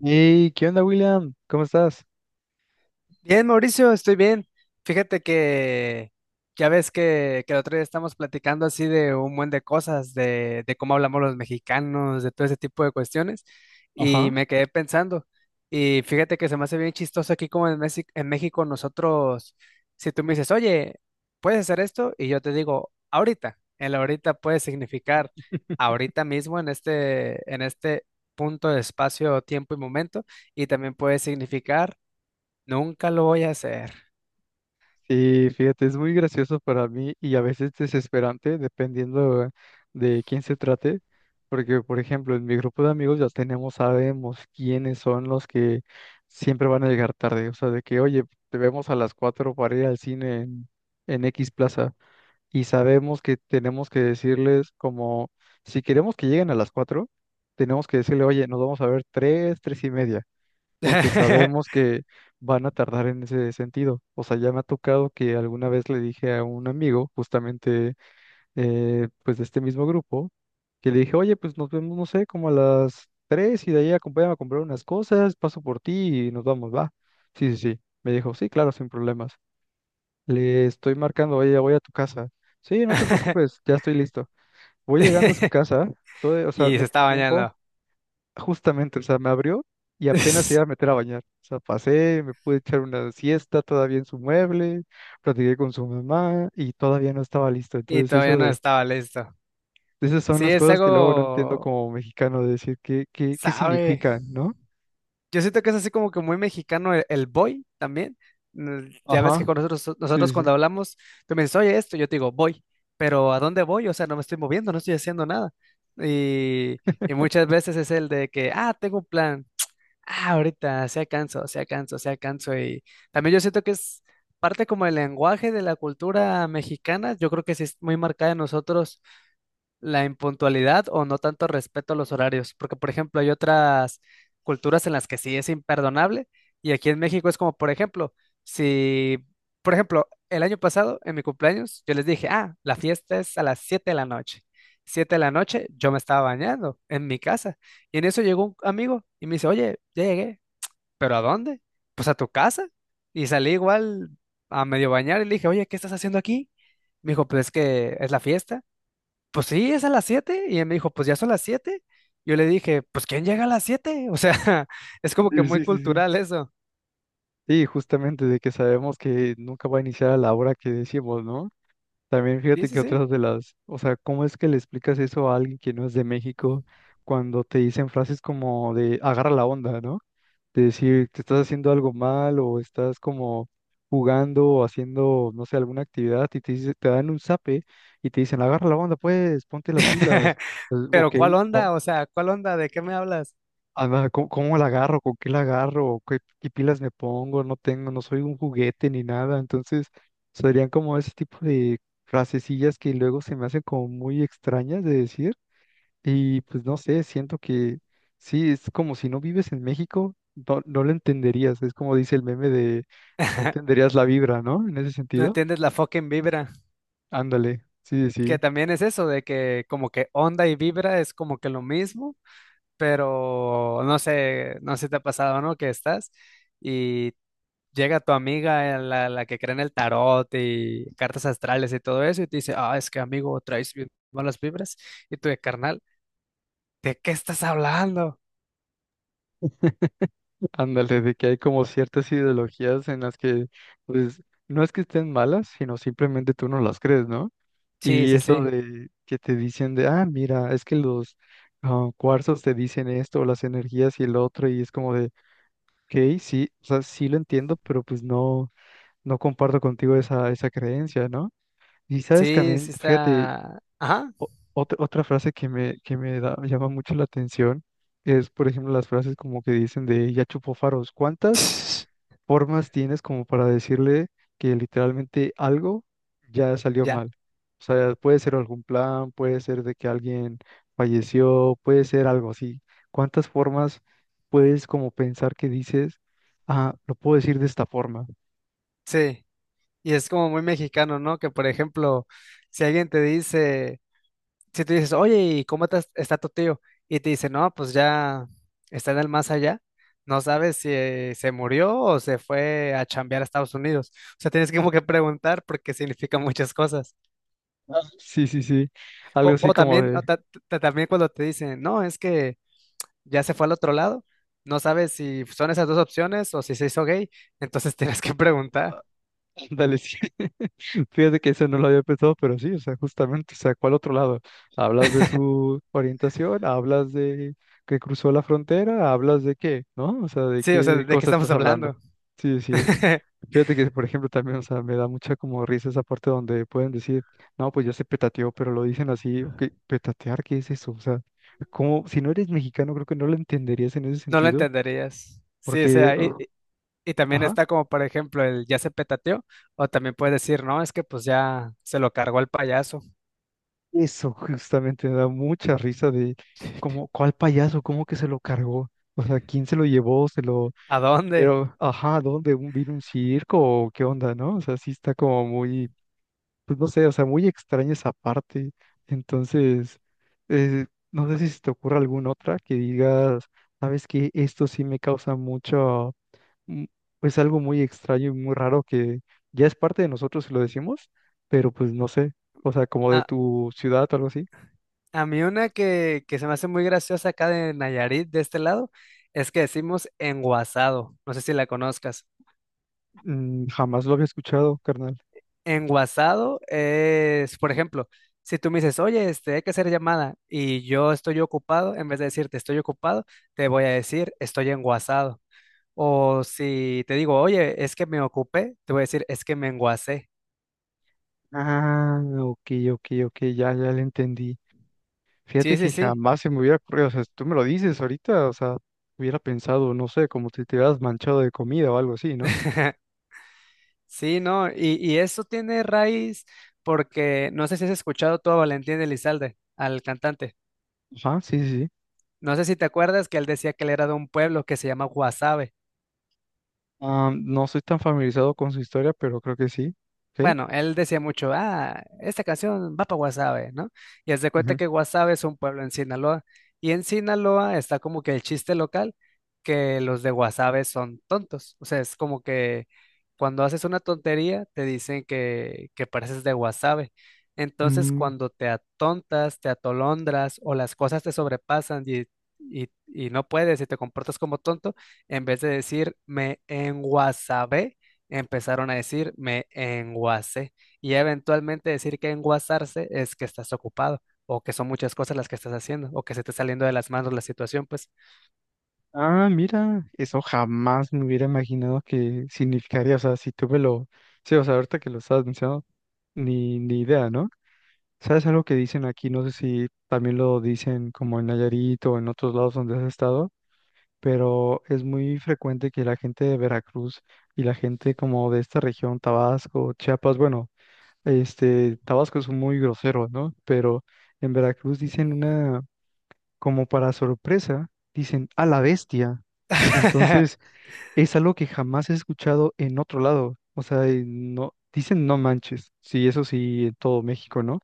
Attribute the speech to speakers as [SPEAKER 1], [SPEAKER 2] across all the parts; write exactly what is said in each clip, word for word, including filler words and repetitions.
[SPEAKER 1] Hey, ¿qué onda, William? ¿Cómo estás?
[SPEAKER 2] Bien, Mauricio, estoy bien. Fíjate que ya ves que, que el otro día estamos platicando así de un buen de cosas, de, de cómo hablamos los mexicanos, de todo ese tipo de cuestiones, y
[SPEAKER 1] Ajá.
[SPEAKER 2] me quedé pensando. Y fíjate que se me hace bien chistoso aquí como en México, en México nosotros, si tú me dices, oye, ¿puedes hacer esto? Y yo te digo, ahorita. El ahorita puede significar ahorita mismo en este, en este punto de espacio, tiempo y momento, y también puede significar nunca lo voy a hacer.
[SPEAKER 1] Sí, fíjate, es muy gracioso para mí y a veces desesperante, dependiendo de quién se trate, porque, por ejemplo, en mi grupo de amigos ya tenemos, sabemos quiénes son los que siempre van a llegar tarde, o sea, de que, oye, te vemos a las cuatro para ir al cine en, en X Plaza y sabemos que tenemos que decirles como, si queremos que lleguen a las cuatro, tenemos que decirle, oye, nos vamos a ver tres, tres y media, porque sabemos que van a tardar en ese sentido. O sea, ya me ha tocado que alguna vez le dije a un amigo, justamente eh, pues de este mismo grupo, que le dije, oye, pues nos vemos, no sé, como a las tres y de ahí acompáñame a comprar unas cosas, paso por ti y nos vamos, va. Sí, sí, sí. Me dijo, sí, claro, sin problemas. Le estoy marcando, oye, ya voy a tu casa. Sí, no te preocupes, ya estoy listo. Voy llegando a su casa, todo, o sea,
[SPEAKER 2] Y
[SPEAKER 1] me
[SPEAKER 2] se
[SPEAKER 1] dio
[SPEAKER 2] está
[SPEAKER 1] tiempo.
[SPEAKER 2] bañando.
[SPEAKER 1] Justamente, o sea, me abrió y apenas se iba a meter a bañar. O sea, pasé, me pude echar una siesta todavía en su mueble, platiqué con su mamá y todavía no estaba listo.
[SPEAKER 2] Y
[SPEAKER 1] Entonces, eso
[SPEAKER 2] todavía no
[SPEAKER 1] de,
[SPEAKER 2] estaba listo.
[SPEAKER 1] esas son
[SPEAKER 2] Sí,
[SPEAKER 1] las
[SPEAKER 2] es
[SPEAKER 1] cosas que luego no entiendo
[SPEAKER 2] algo,
[SPEAKER 1] como mexicano, de decir qué, qué, qué
[SPEAKER 2] sabe.
[SPEAKER 1] significan, ¿no?
[SPEAKER 2] Yo siento que es así como que muy mexicano el, el boy también. Mm, ya ves
[SPEAKER 1] Ajá,
[SPEAKER 2] que con nosotros,
[SPEAKER 1] sí,
[SPEAKER 2] nosotros
[SPEAKER 1] sí,
[SPEAKER 2] cuando hablamos, tú me dices, oye, esto, yo te digo, voy. Pero ¿a dónde voy? O sea, no me estoy moviendo, no estoy haciendo nada. Y, y muchas veces es el de que, ah, tengo un plan. Ah, ahorita, se canso, se canso, se canso. Y también yo siento que es parte como el lenguaje de la cultura mexicana. Yo creo que sí es muy marcada en nosotros la impuntualidad o no tanto respeto a los horarios. Porque, por ejemplo, hay otras culturas en las que sí es imperdonable. Y aquí en México es como, por ejemplo, si, por ejemplo, el año pasado, en mi cumpleaños, yo les dije, ah, la fiesta es a las siete de la noche. Siete de la noche, yo me estaba bañando en mi casa. Y en eso llegó un amigo y me dice, oye, ya llegué. ¿Pero a dónde? Pues a tu casa. Y salí igual a medio bañar y le dije, oye, ¿qué estás haciendo aquí? Me dijo, pues es que es la fiesta. Pues sí, es a las siete. Y él me dijo, pues ya son las siete. Yo le dije, pues ¿quién llega a las siete? O sea, es como que
[SPEAKER 1] sí,
[SPEAKER 2] muy
[SPEAKER 1] sí, sí, sí, sí.
[SPEAKER 2] cultural eso.
[SPEAKER 1] Y justamente de que sabemos que nunca va a iniciar a la hora que decimos, ¿no? También
[SPEAKER 2] Sí,
[SPEAKER 1] fíjate
[SPEAKER 2] sí,
[SPEAKER 1] que
[SPEAKER 2] sí.
[SPEAKER 1] otras de las, o sea, ¿cómo es que le explicas eso a alguien que no es de México cuando te dicen frases como de agarra la onda, ¿no?, de decir te estás haciendo algo mal o estás como jugando o haciendo, no sé, alguna actividad y te dice- te dan un zape y te dicen, agarra la onda, pues, ponte las pilas. Pues,
[SPEAKER 2] Pero
[SPEAKER 1] ok,
[SPEAKER 2] ¿cuál
[SPEAKER 1] ¿cómo?
[SPEAKER 2] onda? O sea, ¿cuál onda? ¿De qué me hablas?
[SPEAKER 1] Ajá, ¿cómo- cómo la agarro? ¿Con qué la agarro? ¿Qué, qué pilas me pongo? No tengo, no soy un juguete ni nada. Entonces, serían como ese tipo de frasecillas que luego se me hacen como muy extrañas de decir y pues no sé, siento que sí, es como si no vives en México, no, no lo entenderías. Es como dice el meme de no entenderías la vibra, ¿no? En ese
[SPEAKER 2] No
[SPEAKER 1] sentido.
[SPEAKER 2] entiendes la fucking vibra.
[SPEAKER 1] Ándale, sí, sí,
[SPEAKER 2] Que también es eso, de que como que onda y vibra es como que lo mismo. Pero no sé, no sé si te ha pasado, ¿no? Que estás y llega tu amiga, eh, la, la que cree en el tarot y cartas astrales y todo eso, y te dice, ah, es que amigo, traes bien malas vibras, y tú de carnal, ¿de qué estás hablando?
[SPEAKER 1] ándale, de que hay como ciertas ideologías en las que, pues, no es que estén malas, sino simplemente tú no las crees, ¿no?
[SPEAKER 2] Sí,
[SPEAKER 1] Y
[SPEAKER 2] sí,
[SPEAKER 1] eso
[SPEAKER 2] sí,
[SPEAKER 1] de que te dicen de, ah, mira, es que los, ah, cuarzos te dicen esto, las energías y el otro, y es como de ok, sí, o sea, sí lo entiendo, pero pues no. No comparto contigo esa, esa creencia, ¿no? Y sabes
[SPEAKER 2] sí,
[SPEAKER 1] también,
[SPEAKER 2] sí
[SPEAKER 1] fíjate,
[SPEAKER 2] está, ajá.
[SPEAKER 1] o- otra, otra frase que me, que me da- llama mucho la atención es, por ejemplo, las frases como que dicen de ya chupó faros. ¿Cuántas formas tienes como para decirle que literalmente algo ya salió
[SPEAKER 2] Ya,
[SPEAKER 1] mal? O sea, puede ser algún plan, puede ser de que alguien falleció, puede ser algo así. ¿Cuántas formas puedes como pensar que dices, ah, lo puedo decir de esta forma?
[SPEAKER 2] sí, y es como muy mexicano, ¿no? Que por ejemplo, si alguien te dice si tú dices, oye, ¿y cómo te- está tu tío? Y te dice, no, pues ya está en el más allá. No sabes si eh, se murió o se fue a chambear a Estados Unidos. O sea, tienes que como que preguntar porque significa muchas cosas.
[SPEAKER 1] Ah, sí, sí, sí. Algo
[SPEAKER 2] O,
[SPEAKER 1] así
[SPEAKER 2] o
[SPEAKER 1] como
[SPEAKER 2] también,
[SPEAKER 1] de,
[SPEAKER 2] o ta- ta- también cuando te dicen, no, es que ya se fue al otro lado. No sabes si son esas dos opciones o si se hizo gay. Entonces tienes que preguntar.
[SPEAKER 1] ah, ándale, sí. Fíjate que eso no lo había pensado, pero sí, o sea, justamente, o sea, ¿cuál otro lado? Hablas de su orientación, hablas de que cruzó la frontera, hablas de qué, ¿no? O sea, ¿de
[SPEAKER 2] Sí, o sea,
[SPEAKER 1] qué
[SPEAKER 2] ¿de qué
[SPEAKER 1] cosa
[SPEAKER 2] estamos
[SPEAKER 1] estás hablando?
[SPEAKER 2] hablando?
[SPEAKER 1] Sí, sí. Fíjate que, por ejemplo, también, o sea, me da mucha como risa esa parte donde pueden decir, no, pues ya se petateó, pero lo dicen así, ok, petatear, ¿qué es eso? O sea, como, si no eres mexicano, creo que no lo entenderías en ese
[SPEAKER 2] No lo
[SPEAKER 1] sentido,
[SPEAKER 2] entenderías. Sí, o
[SPEAKER 1] porque,
[SPEAKER 2] sea, i-
[SPEAKER 1] o-
[SPEAKER 2] Y también
[SPEAKER 1] ajá.
[SPEAKER 2] está como, por ejemplo, el ya se petateó, o también puedes decir, no, es que pues ya se lo cargó el payaso.
[SPEAKER 1] Eso justamente me da mucha risa de cómo, ¿cuál payaso? ¿Cómo que se lo cargó? O sea, ¿quién se lo llevó? Se lo,
[SPEAKER 2] ¿A dónde?
[SPEAKER 1] pero, ajá, ¿dónde? ¿Un vino un circo? ¿O qué onda, no? O sea, sí está como muy, pues no sé, o sea, muy extraña esa parte. Entonces, eh, no sé si se te ocurre alguna otra que digas, sabes que esto sí me causa mucho, mm, pues algo muy extraño y muy raro que ya es parte de nosotros si lo decimos, pero pues no sé, o sea, como de
[SPEAKER 2] A,
[SPEAKER 1] tu ciudad o algo así.
[SPEAKER 2] a mí una que, que se me hace muy graciosa acá de Nayarit, de este lado, es que decimos enguasado, no sé si la conozcas.
[SPEAKER 1] Mm, jamás lo había escuchado, carnal.
[SPEAKER 2] Enguasado es, por ejemplo, si tú me dices, oye, este, hay que hacer llamada, y yo estoy ocupado, en vez de decirte estoy ocupado, te voy a decir estoy enguasado. O si te digo, oye, es que me ocupé, te voy a decir es que me enguasé.
[SPEAKER 1] Ah, ok, ok, ok, ya, ya le entendí. Fíjate
[SPEAKER 2] Sí, sí,
[SPEAKER 1] que
[SPEAKER 2] sí.
[SPEAKER 1] jamás se me hubiera ocurrido, o sea, si tú me lo dices ahorita, o sea, hubiera pensado, no sé, como si te hubieras manchado de comida o algo así, ¿no?
[SPEAKER 2] Sí, no, y, y eso tiene raíz porque no sé si has escuchado tú a Valentín Elizalde, al cantante.
[SPEAKER 1] Ajá, sí, sí, sí.
[SPEAKER 2] No sé si te acuerdas que él decía que él era de un pueblo que se llama Guasave.
[SPEAKER 1] Ah, no soy tan familiarizado con su historia, pero creo que sí. ¿Sí?
[SPEAKER 2] Bueno, él decía mucho, ah, esta canción va para Guasave, ¿no? Y haz de cuenta
[SPEAKER 1] Ujú.
[SPEAKER 2] que Guasave es un pueblo en Sinaloa. Y en Sinaloa está como que el chiste local que los de Guasave son tontos. O sea, es como que cuando haces una tontería te dicen que, que pareces de Guasave. Entonces,
[SPEAKER 1] Mm,
[SPEAKER 2] cuando te atontas, te atolondras o las cosas te sobrepasan y, y, y no puedes y te comportas como tonto, en vez de decir me enguasabé, empezaron a decir me enguacé y eventualmente decir que enguasarse es que estás ocupado o que son muchas cosas las que estás haciendo o que se te está saliendo de las manos la situación, pues.
[SPEAKER 1] ah, mira, eso jamás me hubiera imaginado que significaría, o sea, si tú me lo, sí, o sea, ahorita que lo estás mencionando, ni, ni idea, ¿no? ¿Sabes algo que dicen aquí? No sé si también lo dicen como en Nayarit o en otros lados donde has estado, pero es muy frecuente que la gente de Veracruz y la gente como de esta región, Tabasco, Chiapas, bueno, este, Tabasco es muy grosero, ¿no? Pero en Veracruz dicen una, como para sorpresa, dicen a la bestia. Entonces, es algo que jamás he escuchado en otro lado. O sea, eh, no, dicen no manches, sí, eso sí, en todo México, ¿no?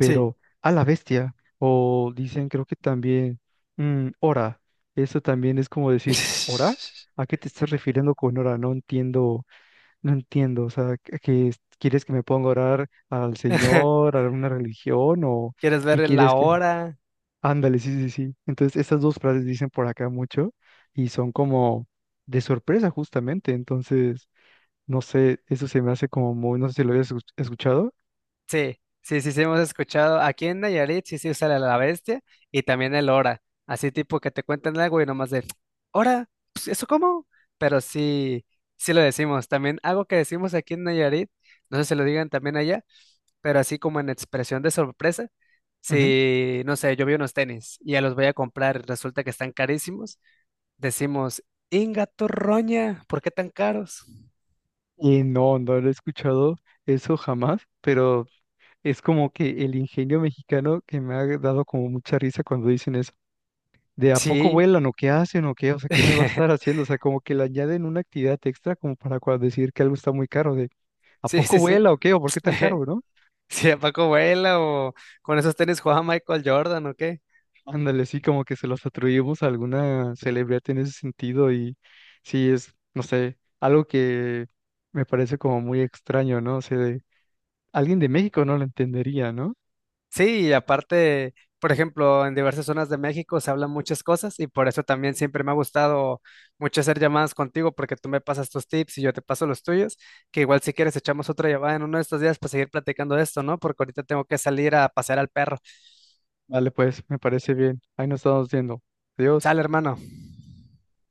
[SPEAKER 2] Sí.
[SPEAKER 1] a la bestia, o dicen creo que también, mm, hora, eso también es como decir, ¿hora? ¿A qué te estás refiriendo con hora? No entiendo, no entiendo, o sea, ¿qué qué es- quieres que me ponga a orar al Señor, a alguna religión, o
[SPEAKER 2] ¿Quieres
[SPEAKER 1] qué
[SPEAKER 2] ver la
[SPEAKER 1] quieres que...
[SPEAKER 2] hora?
[SPEAKER 1] Ándale, sí, sí, sí. Entonces, estas dos frases dicen por acá mucho y son como de sorpresa justamente. Entonces, no sé, eso se me hace como muy, no sé si lo habías escuch- escuchado.
[SPEAKER 2] Sí, sí, sí, sí, hemos escuchado. Aquí en Nayarit sí se usa la la bestia y también el hora. Así tipo que te cuentan algo y nomás de, ¿hora? Pues, ¿eso cómo? Pero sí, sí lo decimos. También algo que decimos aquí en Nayarit, no sé si lo digan también allá, pero así como en expresión de sorpresa,
[SPEAKER 1] Ujú.
[SPEAKER 2] si, no sé, yo vi unos tenis y ya los voy a comprar, resulta que están carísimos, decimos, Inga Torroña, ¿por qué tan caros?
[SPEAKER 1] Y no, no lo he escuchado eso jamás, pero es como que el ingenio mexicano que me ha dado como mucha risa cuando dicen eso. ¿De a poco
[SPEAKER 2] Sí,
[SPEAKER 1] vuelan o qué hacen o qué? O sea, ¿qué me va a estar haciendo? O sea, como que le añaden una actividad extra como para cua- decir que algo está muy caro. De ¿a
[SPEAKER 2] sí,
[SPEAKER 1] poco
[SPEAKER 2] sí, sí.
[SPEAKER 1] vuela o qué? ¿O por qué tan caro, no?
[SPEAKER 2] Sí, a Paco Vela o con esos tenis jugaba Michael Jordan, ¿o qué?
[SPEAKER 1] Ándale, sí, como que se los atribuimos a alguna celebridad en ese sentido y sí es, no sé, algo que me parece como muy extraño, ¿no? O sea, de- alguien de México no lo entendería, ¿no?
[SPEAKER 2] Sí, y aparte, por ejemplo, en diversas zonas de México se hablan muchas cosas y por eso también siempre me ha gustado mucho hacer llamadas contigo porque tú me pasas tus tips y yo te paso los tuyos, que igual si quieres echamos otra llamada en uno de estos días para seguir platicando de esto, ¿no? Porque ahorita tengo que salir a pasear al perro.
[SPEAKER 1] Vale, pues me parece bien. Ahí nos estamos viendo. Adiós.
[SPEAKER 2] Sale, hermano.